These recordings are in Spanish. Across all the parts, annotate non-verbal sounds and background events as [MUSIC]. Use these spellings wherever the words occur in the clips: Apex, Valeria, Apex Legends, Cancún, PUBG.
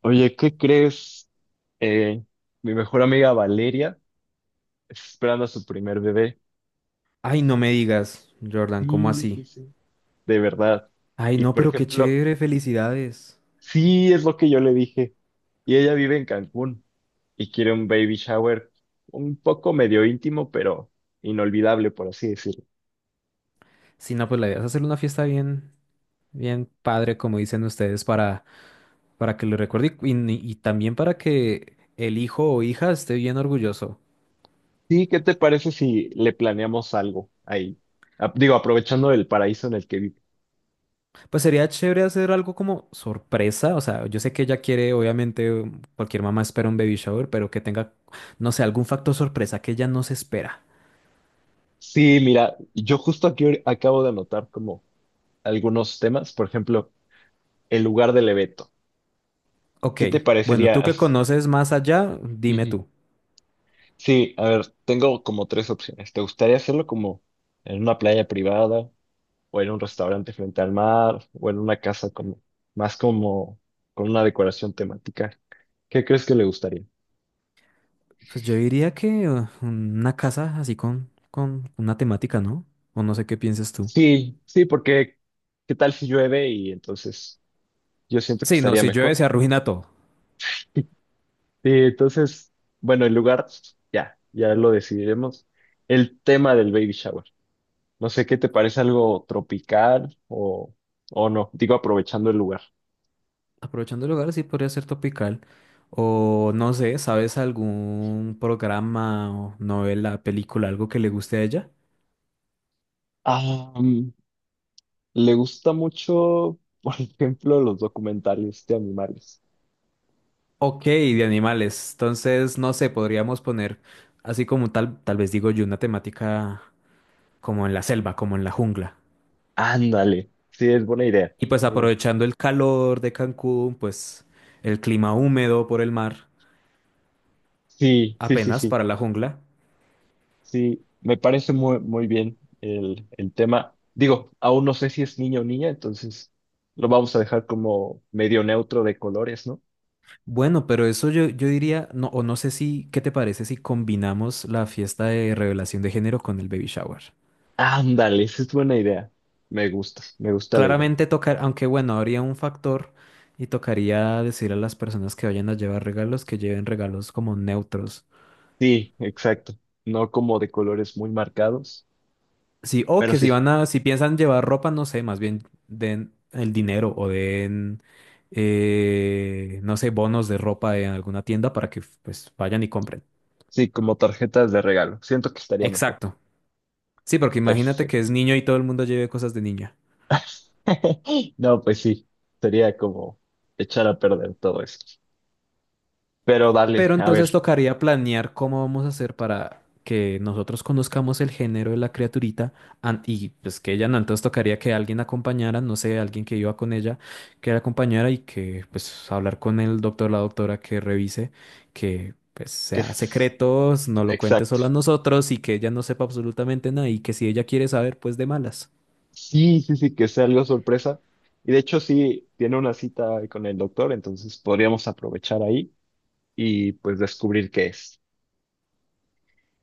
Oye, ¿qué crees? Eh, mi mejor amiga Valeria está esperando a su primer bebé. Ay, no me digas, Jordan, ¿cómo Sí, sí, así? sí. De verdad. Ay, Y no, por pero qué ejemplo, chévere, felicidades. sí es lo que yo le dije. Y ella vive en Cancún y quiere un baby shower un poco medio íntimo, pero inolvidable, por así decirlo. Si no, pues la idea es hacer una fiesta bien, bien padre, como dicen ustedes, para que lo recuerde y también para que el hijo o hija esté bien orgulloso. Sí, ¿qué te parece si le planeamos algo ahí? Digo, aprovechando el paraíso en el que vive. Pues sería chévere hacer algo como sorpresa, o sea, yo sé que ella quiere, obviamente, cualquier mamá espera un baby shower, pero que tenga, no sé, algún factor sorpresa que ella no se espera. Sí, mira, yo justo aquí acabo de anotar como algunos temas, por ejemplo. El lugar del evento. Ok, ¿Qué te bueno, parecería? tú que conoces más allá, dime Ujú. tú. Sí, a ver, tengo como tres opciones. ¿Te gustaría hacerlo como en una playa privada o en un restaurante frente al mar o en una casa como más como con una decoración temática? ¿Qué crees que le gustaría? Pues yo diría que una casa así con una temática, ¿no? O no sé qué piensas tú. Sí, sí, porque ¿qué tal si llueve y entonces yo siento que Sí, no, estaría si llueve mejor? se arruina todo. [LAUGHS] Sí, entonces, bueno, el lugar ya lo decidiremos. El tema del baby shower. No sé, ¿qué te parece algo tropical o no? Digo, aprovechando el lugar. Aprovechando el lugar, sí podría ser topical. O no sé, ¿sabes algún programa o novela, película, algo que le guste a ella? Ah, mm, Le gusta mucho, [LAUGHS] por ejemplo, los documentales de animales. Ok, de animales. Entonces, no sé, podríamos poner así como tal, tal vez digo yo, una temática como en la selva, como en la jungla. Ándale, sí, es buena idea, Y pues buena idea. aprovechando el calor de Cancún, pues el clima húmedo por el mar. Sí, sí, sí, Apenas sí, para la jungla. sí, me parece muy, muy bien el tema. Digo, aún no sé si es niño o niña, entonces lo vamos a dejar como medio neutro de colores, ¿no? Bueno, pero eso yo diría, no, o no sé si, ¿qué te parece si combinamos la fiesta de revelación de género con el baby shower? Ándale, esa es buena idea. Me gusta la idea. Claramente tocar, aunque bueno, habría un factor y tocaría decir a las personas que vayan a llevar regalos que lleven regalos como neutros. Sí, exacto. No como de colores muy marcados, Sí, o pero que si sí, van a, si piensan llevar ropa, no sé, más bien den el dinero o den, no sé, bonos de ropa en alguna tienda para que pues vayan y compren. sí, como tarjetas de regalo. Siento que estaría mejor. Exacto. Sí, porque Pero imagínate que es [LAUGHS] niño y todo el mundo lleve cosas de niña. no, pues sí, sería como echar a perder todo esto. Pero dale, Pero a entonces ver, tocaría planear cómo vamos a hacer para que nosotros conozcamos el género de la criaturita y pues que ella no, entonces tocaría que alguien acompañara, no sé, alguien que iba con ella, que la acompañara y que pues hablar con el doctor, la doctora que revise, que pues que sea es secretos, no lo cuente exacto. solo a nosotros y que ella no sepa absolutamente nada y que si ella quiere saber, pues de malas. Sí, sí, sí, que sea algo sorpresa. Y de hecho, sí, tiene una cita con el doctor, entonces podríamos aprovechar ahí y pues descubrir qué es.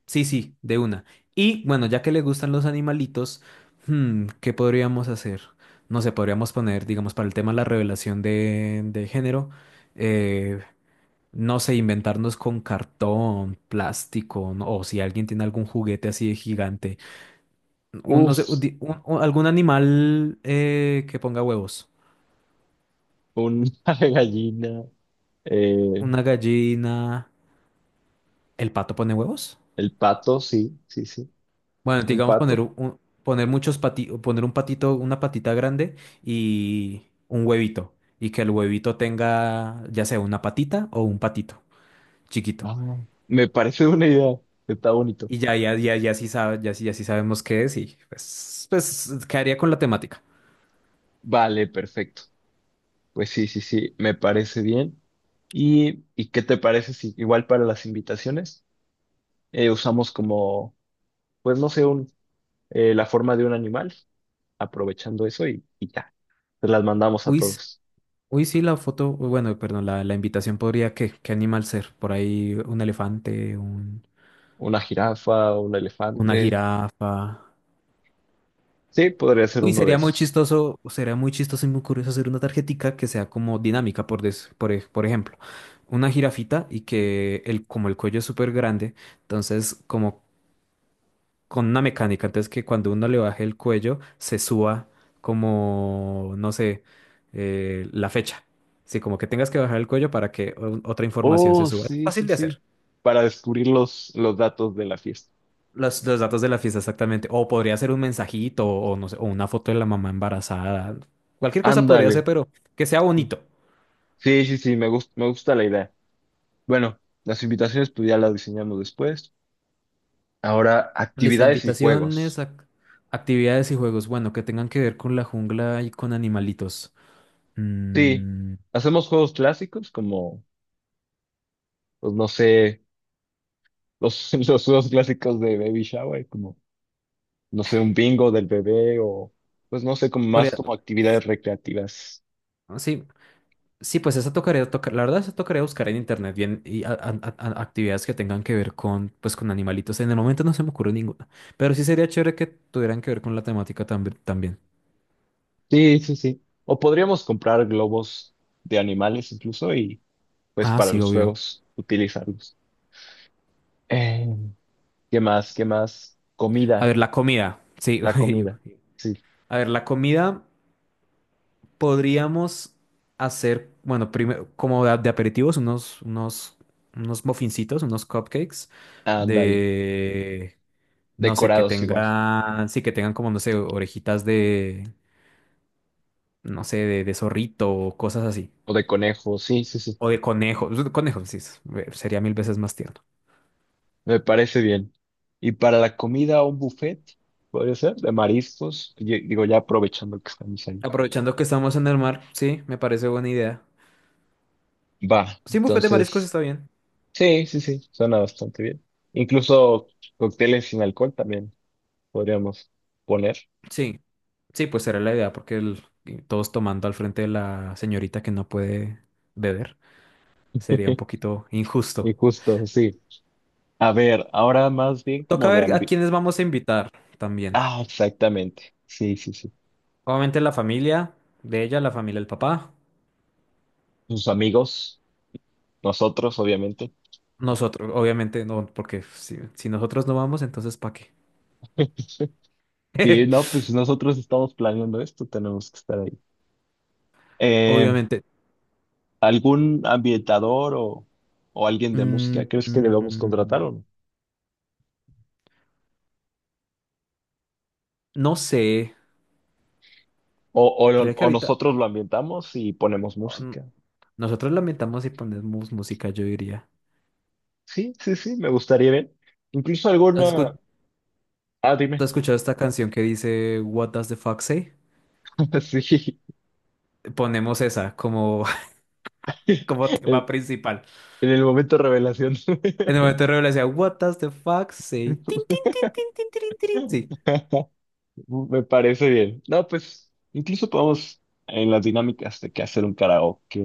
Sí, sí, de una. Y bueno, ya que le gustan los animalitos, ¿qué podríamos hacer? No sé, podríamos poner, digamos, para el tema de la revelación de género, eh, no sé, inventarnos con cartón, plástico, o si alguien tiene algún juguete así de gigante, no sé, un Uf, di- un- algún animal que ponga huevos. una [LAUGHS] gallina, eh, Una gallina. ¿El pato pone huevos? el pato, sí, sí, sí. Bueno, Un digamos poner pato. Poner muchos pati, poner un patito, una patita grande y un huevito. Y que el huevito tenga ya sea una patita o un patito chiquito. No, me parece una idea. Está bonito. Y ya sí sabe, ya sí, ya sí sabemos qué es y pues, pues quedaría con la temática. Vale, perfecto. Pues sí, sí, sí, me parece bien. Y qué te parece si igual para las invitaciones usamos como, pues no sé, un, la forma de un animal, aprovechando eso y ya, se las mandamos a Uy, s- todos. uy, sí, la foto, uy, bueno, perdón, la invitación podría, ¿qué? ¿Qué animal ser? Por ahí un elefante, un, Una jirafa, un una elefante. jirafa. Sí, podría ser Uy, uno de esos. Sería muy chistoso y muy curioso hacer una tarjetica que sea como dinámica, por, des- por, ej- por ejemplo, una jirafita y que el, como el cuello es súper grande, entonces como con una mecánica, entonces que cuando uno le baje el cuello se suba como, no sé, la fecha. Sí, como que tengas que bajar el cuello para que otra información se Oh, suba. Es sí, fácil sí, de sí. hacer. Para descubrir los datos de la fiesta. Los datos de la fiesta, exactamente. O podría ser un mensajito, o no sé, o una foto de la mamá embarazada. Cualquier cosa podría ser, Ándale. pero que sea Sí, bonito. sí, sí, sí, me gusta la idea. Bueno, las invitaciones pues ya las diseñamos después. Ahora, Listo, actividades y invitaciones, juegos. Actividades y juegos. Bueno, que tengan que ver con la jungla y con animalitos. Sí, Mm, hacemos juegos clásicos como, pues no sé, los, [LAUGHS] los juegos clásicos de baby shower, como, no sé, un bingo del bebé o, pues no sé, como más podría- como actividades recreativas. sí, sí, pues esa tocaría, la verdad, esa tocaría buscar en internet bien y actividades que tengan que ver con, pues, con animalitos. En el momento no se me ocurre ninguna, pero sí sería chévere que tuvieran que ver con la temática también. Sí, sí, sí. O podríamos comprar globos de animales incluso y, pues, Ah, para sí, los obvio. juegos utilizarlos. Eh, ¿Qué más? ¿Qué más? A Comida, ver, la comida. Sí, la [LAUGHS] uy, comida. uy. Sí, A ver, la comida podríamos hacer, bueno, primero, como de aperitivos, unos muffincitos, unos cupcakes ándale. de, no sé, que Decorados igual. tengan, sí, que tengan como, no sé, orejitas de, no sé, de zorrito o cosas así. O de conejo, sí, sí, sí. O de conejo. Pues, Conejo, sí, sería mil veces más tierno. Me parece bien. Y para la comida, un buffet, podría ser, de mariscos. Digo, ya aprovechando que estamos ahí. Aprovechando que estamos en el mar, sí, me parece buena idea. Va, Sí, un bufete de mariscos entonces, está bien. sí, sí, sí, suena bastante bien. Incluso cócteles sin alcohol también podríamos poner. Sí. Sí, pues será la idea, porque todos tomando al frente de la señorita que no puede beber sería un [LAUGHS] poquito Y injusto. justo, sí. A ver, ahora más bien Toca como de ver a ambi... quiénes vamos a invitar también. Ah, exactamente. Sí, sí, sí. Obviamente la familia de ella, la familia del papá. Sus amigos, nosotros, obviamente. Nosotros, obviamente no, porque si, si nosotros no vamos, entonces ¿para qué? [LAUGHS] Sí, no, [LAUGHS] pues nosotros estamos planeando esto, tenemos que estar ahí. Eh, Obviamente. ¿Algún ambientador o alguien de Mm, música crees que debemos contratar o mm, no? no sé, O, creo que o ahorita nosotros lo ambientamos y ponemos oh, n- música. nosotros lamentamos y ponemos música, yo diría. Sí, sí, sí, me gustaría ver. Incluso ¿Has escu- alguna... Ah, ¿Has dime. escuchado esta canción que dice What does the fox say? [LAUGHS] Sí. Ponemos esa como, [LAUGHS] como [LAUGHS] tema En principal. El momento revelación. En el [LAUGHS] momento de revelación, what does the fuck say? Tin, tin, tin, tin, tirin, tirin. Sí. Me parece bien. No, pues incluso podemos en las dinámicas de que hacer un karaoke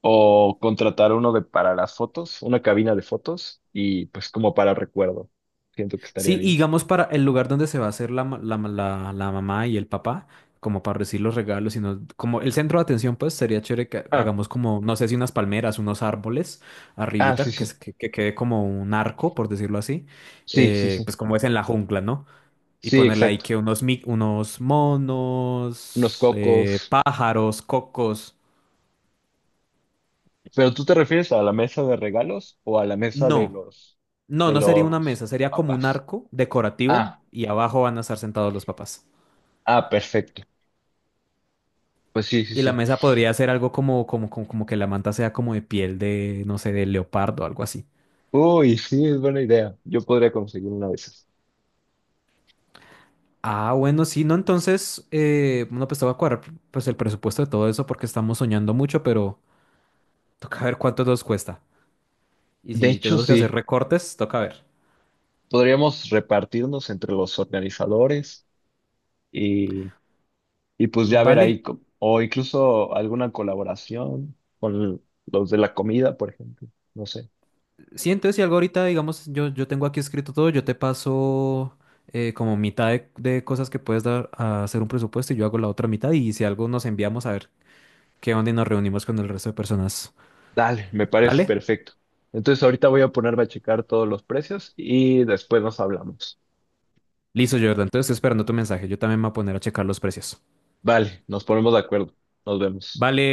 o contratar uno de para las fotos, una cabina de fotos y pues como para recuerdo. Siento que Sí, estaría y bien. digamos para el lugar donde se va a hacer la mamá y el papá, como para recibir los regalos, sino como el centro de atención, pues sería chévere que Ah, hagamos como, no sé si unas palmeras, unos árboles ah, sí, arribita, que, sí. Que quede como un arco, por decirlo así, Sí, sí, sí. pues como es en la jungla, ¿no? Y Sí, ponerle ahí exacto. que unos, unos Unos monos, cocos. pájaros, cocos. Pero ¿tú te refieres a la mesa de regalos o a la mesa No, no, de no sería una mesa, los sería como un papás? arco decorativo Ah, y abajo van a estar sentados los papás. ah, perfecto. Pues sí, sí, Y la sí. mesa podría ser algo como que la manta sea como de piel de, no sé, de leopardo o algo así. Uy, sí, es buena idea. Yo podría conseguir una de esas. Ah, bueno, sí, no, entonces, bueno, pues te voy a cuadrar pues el presupuesto de todo eso porque estamos soñando mucho, pero toca ver cuánto nos cuesta. Y De si hecho, tenemos que hacer sí. recortes, toca ver. Podríamos repartirnos entre los organizadores y Y pues ya ver Vale, ahí, o incluso alguna colaboración con los de la comida, por ejemplo. No sé. sí, entonces si algo ahorita, digamos, yo tengo aquí escrito todo, yo te paso como mitad de cosas que puedes dar a hacer un presupuesto y yo hago la otra mitad y si algo nos enviamos a ver qué onda y nos reunimos con el resto de personas. Dale, me parece ¿Vale? perfecto. Entonces ahorita voy a ponerme a checar todos los precios y después nos hablamos. Listo, Jordan. Entonces estoy esperando tu mensaje. Yo también me voy a poner a checar los precios. Vale, nos ponemos de acuerdo. Nos vemos. Vale.